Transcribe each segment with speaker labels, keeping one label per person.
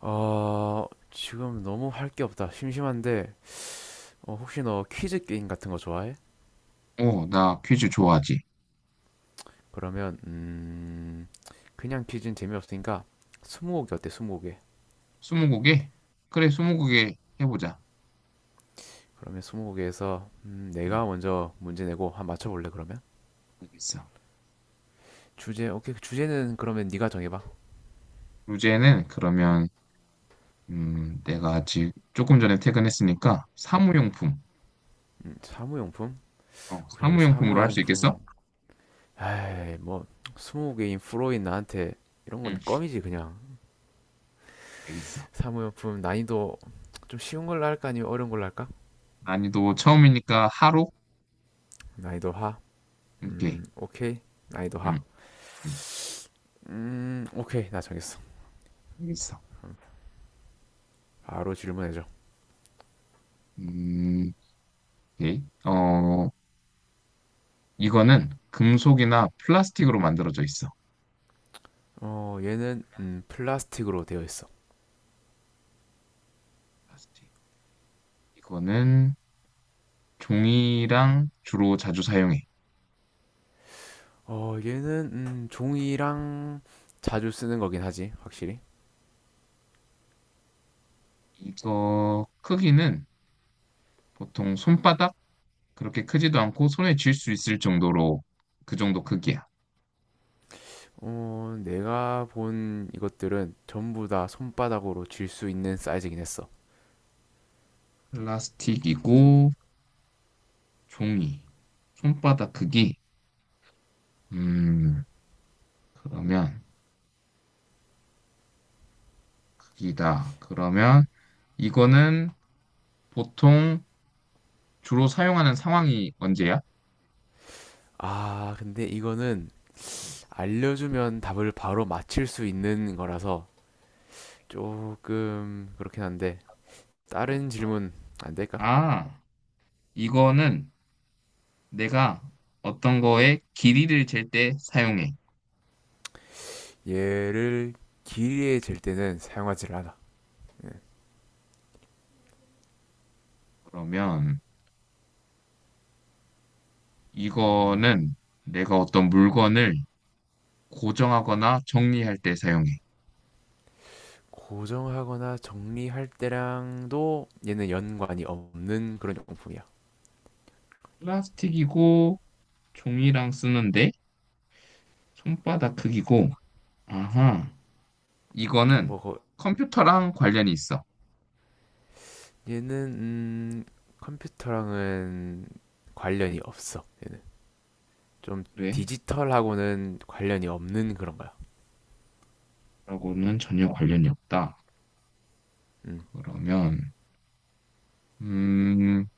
Speaker 1: 지금 너무 할 게 없다. 심심한데, 혹시 너 퀴즈 게임 같은 거 좋아해?
Speaker 2: 나 퀴즈 좋아하지.
Speaker 1: 그러면, 그냥 퀴즈는 재미없으니까, 스무고개 어때, 스무고개?
Speaker 2: 스무고개? 그래, 스무고개 해보자.
Speaker 1: 그러면 스무고개에서, 내가
Speaker 2: 음,
Speaker 1: 먼저 문제 내고 한 맞춰볼래, 그러면?
Speaker 2: 알겠어.
Speaker 1: 주제, 오케이. 주제는 그러면 네가 정해봐.
Speaker 2: 주제는 그러면 내가 아직 조금 전에 퇴근했으니까 사무용품.
Speaker 1: 사무용품?
Speaker 2: 어,
Speaker 1: 오케이, 알겠어.
Speaker 2: 사무용품으로 할 수 있겠어?
Speaker 1: 사무용품. 에이, 뭐, 스무고개인 프로인 나한테 이런
Speaker 2: 응,
Speaker 1: 건 껌이지, 그냥.
Speaker 2: 알겠어.
Speaker 1: 사무용품 난이도 좀 쉬운 걸로 할까, 아니면 어려운 걸로 할까?
Speaker 2: 난이도 처음이니까 하루?
Speaker 1: 난이도 하.
Speaker 2: 오케이.
Speaker 1: 오케이. 난이도 하.
Speaker 2: 응, 응,
Speaker 1: 오케이. 나 정했어.
Speaker 2: 알겠어.
Speaker 1: 바로 질문해줘.
Speaker 2: 음, 오케이. 이거는 금속이나 플라스틱으로 만들어져 있어.
Speaker 1: 어, 얘는 플라스틱으로 되어 있어.
Speaker 2: 플라스틱. 이거는 종이랑 주로 자주 사용해.
Speaker 1: 어, 얘는 종이랑 자주 쓰는 거긴 하지, 확실히.
Speaker 2: 이거 크기는 보통 손바닥 그렇게 크지도 않고 손에 쥘 수 있을 정도로 그 정도 크기야.
Speaker 1: 어, 내가 본 이것들은 전부 다 손바닥으로 쥘 수 있는 사이즈긴 했어.
Speaker 2: 플라스틱이고 종이. 손바닥 크기. 음, 그러면 크기다. 그러면 이거는 보통 주로 사용하는 상황이 언제야?
Speaker 1: 아, 근데 이거는
Speaker 2: 음.
Speaker 1: 알려주면 답을 바로 맞힐 수 있는 거라서 조금 그렇긴 한데 다른 질문 안 될까?
Speaker 2: 아, 이거는 내가 어떤 거에 길이를 잴 때 사용해.
Speaker 1: 얘를 길이에 잴 때는 사용하지를 않아.
Speaker 2: 그러면 이거는 내가 어떤 물건을 고정하거나 정리할 때 사용해.
Speaker 1: 고정하거나 정리할 때랑도 얘는 연관이 없는 그런 용품이야.
Speaker 2: 플라스틱이고 종이랑 쓰는데 손바닥 크기고 아하 이거는
Speaker 1: 뭐 거-
Speaker 2: 컴퓨터랑 관련이 있어.
Speaker 1: 얘는 컴퓨터랑은 관련이 없어. 얘는 좀
Speaker 2: 그래?
Speaker 1: 디지털하고는 관련이 없는 그런 거야.
Speaker 2: 라고는 전혀 관련이 없다.
Speaker 1: 음.
Speaker 2: 그러면 음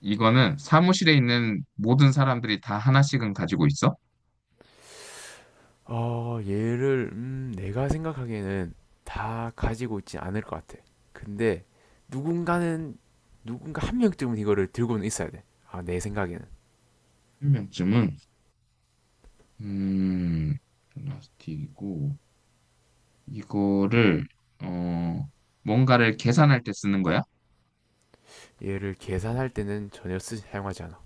Speaker 2: 이거는 사무실에 있는 모든 사람들이 다 하나씩은 가지고 있어?
Speaker 1: 어, 얘를 내가 생각하기에는 다 가지고 있지 않을 것 같아. 근데 누군가는 누군가 한 명쯤은 이거를 들고는 있어야 돼. 아, 내 생각에는.
Speaker 2: 한 명쯤은. 음 플라스틱이고 이거를 어 뭔가를 계산할 때 쓰는 거야?
Speaker 1: 얘를 계산할 때는 전혀 사용하지 않아.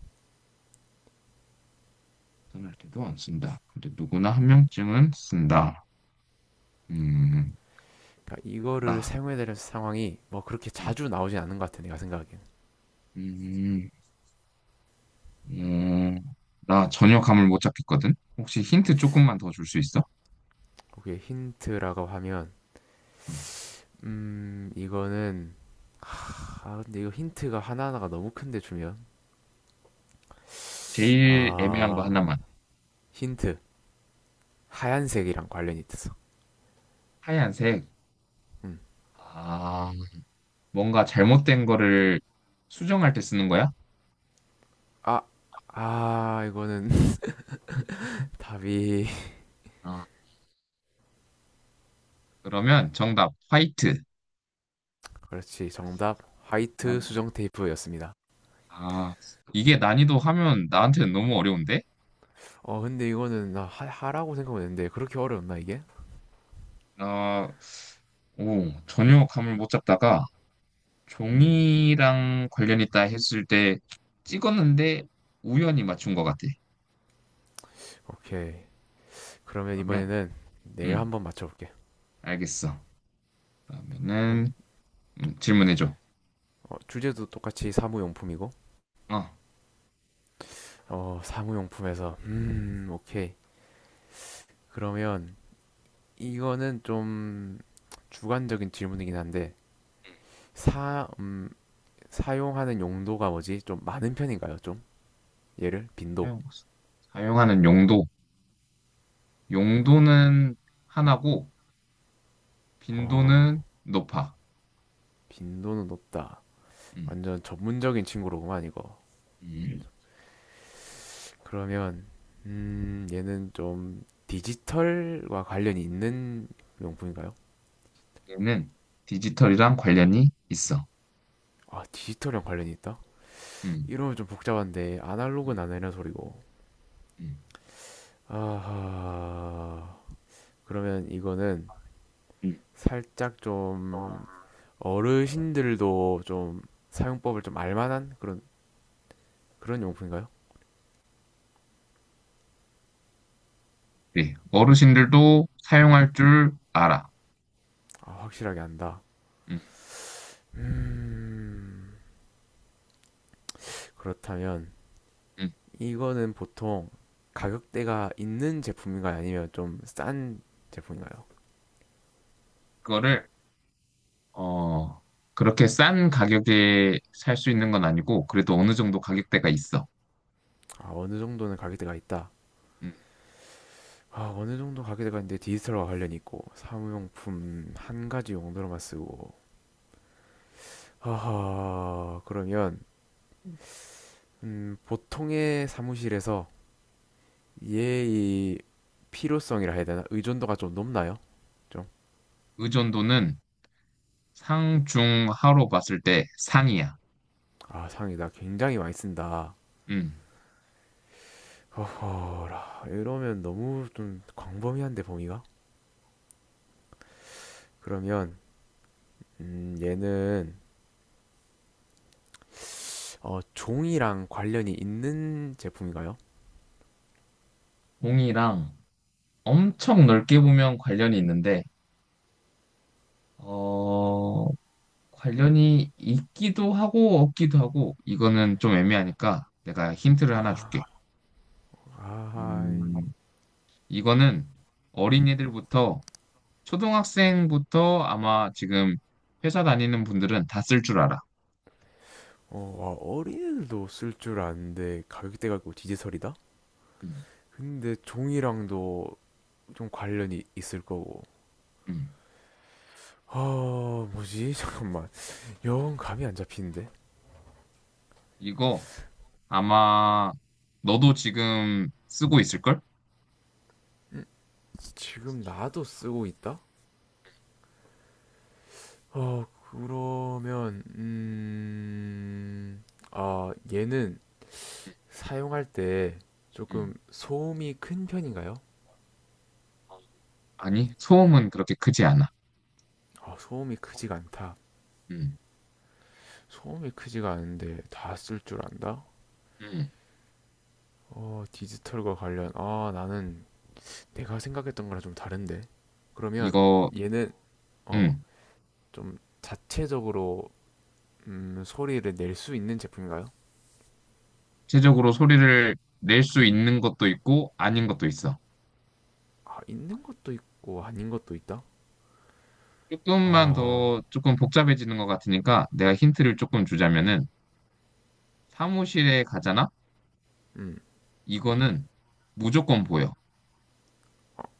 Speaker 2: 계산할 때도 안 쓴다 근데 누구나 한 명쯤은 쓴다. 음,
Speaker 1: 그러니까 이거를
Speaker 2: 나,
Speaker 1: 사용해야 될 상황이 뭐 그렇게
Speaker 2: 음,
Speaker 1: 자주 나오진 않는 것 같아 내가 생각하기엔.
Speaker 2: 음, 음, 나 전혀 감을 못 잡겠거든? 혹시 힌트 조금만 더 줄 수 있어?
Speaker 1: 그게 힌트라고 하면
Speaker 2: 음,
Speaker 1: 이거는 아 근데 이거 힌트가 하나하나가 너무 큰데 주면
Speaker 2: 제일 애매한 거
Speaker 1: 아
Speaker 2: 하나만.
Speaker 1: 힌트 하얀색이랑 관련이 있어.
Speaker 2: 하얀색. 아, 뭔가 잘못된 거를 수정할 때 쓰는 거야?
Speaker 1: 음아아 이거는 답이
Speaker 2: 아, 그러면 정답, 화이트.
Speaker 1: 그렇지 정답
Speaker 2: 아,
Speaker 1: 화이트 수정 테이프였습니다.
Speaker 2: 아, 이게 난이도 하면 나한테는 너무 어려운데?
Speaker 1: 어 근데 이거는 하라고 생각했는데 그렇게 어려웠나 이게?
Speaker 2: 아, 오, 전혀 감을 못 잡다가
Speaker 1: 음
Speaker 2: 종이랑 관련 있다 했을 때 찍었는데 우연히 맞춘 것 같아.
Speaker 1: 오케이 그러면
Speaker 2: 그러면,
Speaker 1: 이번에는 내가
Speaker 2: 음,
Speaker 1: 한번 맞춰볼게.
Speaker 2: 알겠어.
Speaker 1: 음,
Speaker 2: 그러면은, 질문해줘.
Speaker 1: 어, 주제도 똑같이 사무용품이고,
Speaker 2: 어,
Speaker 1: 어, 사무용품에서, 오케이. 그러면 이거는 좀 주관적인 질문이긴 한데, 사, 음, 사용하는 용도가 뭐지? 좀 많은 편인가요? 좀? 얘를? 빈도.
Speaker 2: 사용, 사용하는 용도. 용도는 하나고,
Speaker 1: 어,
Speaker 2: 빈도는 높아.
Speaker 1: 빈도는 높다.
Speaker 2: 음,
Speaker 1: 완전 전문적인 친구로구만, 이거.
Speaker 2: 음.
Speaker 1: 그러면, 얘는 좀 디지털과 관련이 있는 용품인가요?
Speaker 2: 얘는 디지털이랑 관련이 있어.
Speaker 1: 아, 디지털이랑 관련이 있다?
Speaker 2: 음,
Speaker 1: 이러면 좀 복잡한데
Speaker 2: 음,
Speaker 1: 아날로그는 안 되는 소리고
Speaker 2: 음,
Speaker 1: 아하 그러면 이거는
Speaker 2: 음.
Speaker 1: 살짝
Speaker 2: 어,
Speaker 1: 좀 어르신들도 좀 사용법을 좀 알만한 그런 용품인가요?
Speaker 2: 네, 어르신들도 사용할 줄 알아.
Speaker 1: 아 확실하게 안다
Speaker 2: 음,
Speaker 1: 음 그렇다면
Speaker 2: 음.
Speaker 1: 이거는 보통 가격대가 있는 제품인가요? 아니면 좀 싼 제품인가요?
Speaker 2: 그거를 어, 그렇게 싼 가격에 살 수 있는 건 아니고, 그래도 어느 정도 가격대가 있어.
Speaker 1: 아 어느 정도는 가격대가 있다
Speaker 2: 음.
Speaker 1: 아, 어느 정도 가격대가 있는데 디지털과 관련이 있고 사무용품 한 가지 용도로만 쓰고 아하, 그러면, 보통의 사무실에서 얘의 필요성이라 해야 되나? 의존도가 좀 높나요? 좀,
Speaker 2: 의존도는 상, 중, 하로 봤을 때 상이야.
Speaker 1: 아, 상이다. 굉장히 많이 쓴다.
Speaker 2: 음.
Speaker 1: 허허라, 이러면 너무 좀 광범위한데, 범위가? 그러면, 얘는, 어, 종이랑 관련이 있는 제품인가요?
Speaker 2: 공이랑 엄청 넓게 보면 관련이 있는데, 어, 관련이 있기도 하고, 없기도 하고, 이거는 좀 애매하니까 내가 힌트를 하나
Speaker 1: 아,
Speaker 2: 줄게.
Speaker 1: 아하이.
Speaker 2: 음, 이거는 어린이들부터, 초등학생부터 아마 지금 회사 다니는 분들은 다 쓸 줄 알아.
Speaker 1: 어, 와, 어린애들도 쓸 줄 아는데 가격대가 있고 디지털이다?
Speaker 2: 음,
Speaker 1: 근데 종이랑도 좀 관련이 있을 거고.
Speaker 2: 음.
Speaker 1: 아, 뭐지? 잠깐만. 영 감이 안 잡히는데?
Speaker 2: 이거 아마 너도 지금 쓰고 있을걸?
Speaker 1: 지금 나도 쓰고 있다? 어, 그러면, 아, 얘는
Speaker 2: 음,
Speaker 1: 사용할 때
Speaker 2: 음.
Speaker 1: 조금 소음이 큰 편인가요?
Speaker 2: 아니, 소음은 그렇게 크지 않아.
Speaker 1: 아, 소음이 크지가 않다.
Speaker 2: 음,
Speaker 1: 소음이 크지가 않은데 다 쓸 줄 안다?
Speaker 2: 음.
Speaker 1: 아, 나는 내가 생각했던 거랑 좀 다른데. 그러면
Speaker 2: 이거,
Speaker 1: 얘는, 어,
Speaker 2: 음.
Speaker 1: 좀 자체적으로 소리를 낼 수 있는 제품인가요?
Speaker 2: 최적으로 소리를 낼 수 있는 것도 있고, 아닌 것도 있어.
Speaker 1: 아, 있는 것도 있고 아닌 것도 있다?
Speaker 2: 조금만
Speaker 1: 아,
Speaker 2: 더, 조금 복잡해지는 것 같으니까, 내가 힌트를 조금 주자면은, 사무실에 가잖아?
Speaker 1: 음,
Speaker 2: 이거는 무조건 보여.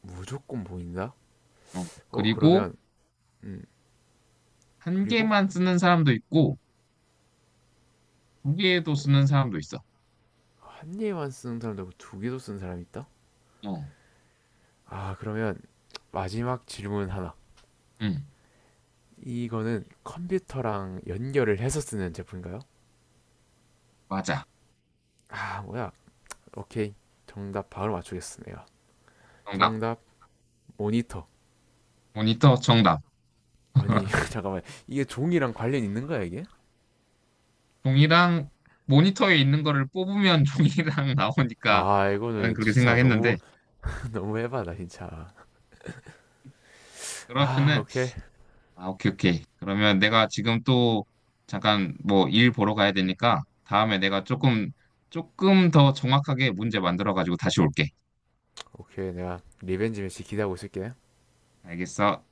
Speaker 1: 무조건 보인다?
Speaker 2: 어.
Speaker 1: 어,
Speaker 2: 그리고,
Speaker 1: 그러면, 음,
Speaker 2: 한
Speaker 1: 그리고
Speaker 2: 개만 쓰는 사람도 있고, 두 개도 쓰는 사람도 있어.
Speaker 1: 한 개만 쓰는 사람도 있고 두 개도 쓰는 사람이 있다?
Speaker 2: 어,
Speaker 1: 아, 그러면 마지막 질문 하나.
Speaker 2: 음,
Speaker 1: 이거는 컴퓨터랑 연결을 해서 쓰는 제품인가요?
Speaker 2: 맞아.
Speaker 1: 아, 뭐야. 오케이. 정답 바로 맞추겠습 내가.
Speaker 2: 정답.
Speaker 1: 정답, 모니터.
Speaker 2: 모니터 정답.
Speaker 1: 아니, 잠깐만. 이게 종이랑 관련 있는 거야, 이게?
Speaker 2: 종이랑 모니터에 있는 거를 뽑으면 종이랑 나오니까
Speaker 1: 아,
Speaker 2: 나는
Speaker 1: 이거는
Speaker 2: 그렇게
Speaker 1: 진짜
Speaker 2: 생각했는데
Speaker 1: 너무, 너무 해봐다, 진짜. 아,
Speaker 2: 그러면은
Speaker 1: 오케이.
Speaker 2: 아 오케이 오케이. 그러면 내가 지금 또 잠깐 뭐 일 보러 가야 되니까 다음에 내가 조금 더 정확하게 문제 만들어 가지고 다시 올게.
Speaker 1: 오케이. 내가 리벤지 매치 기대하고 있을게.
Speaker 2: 알겠어.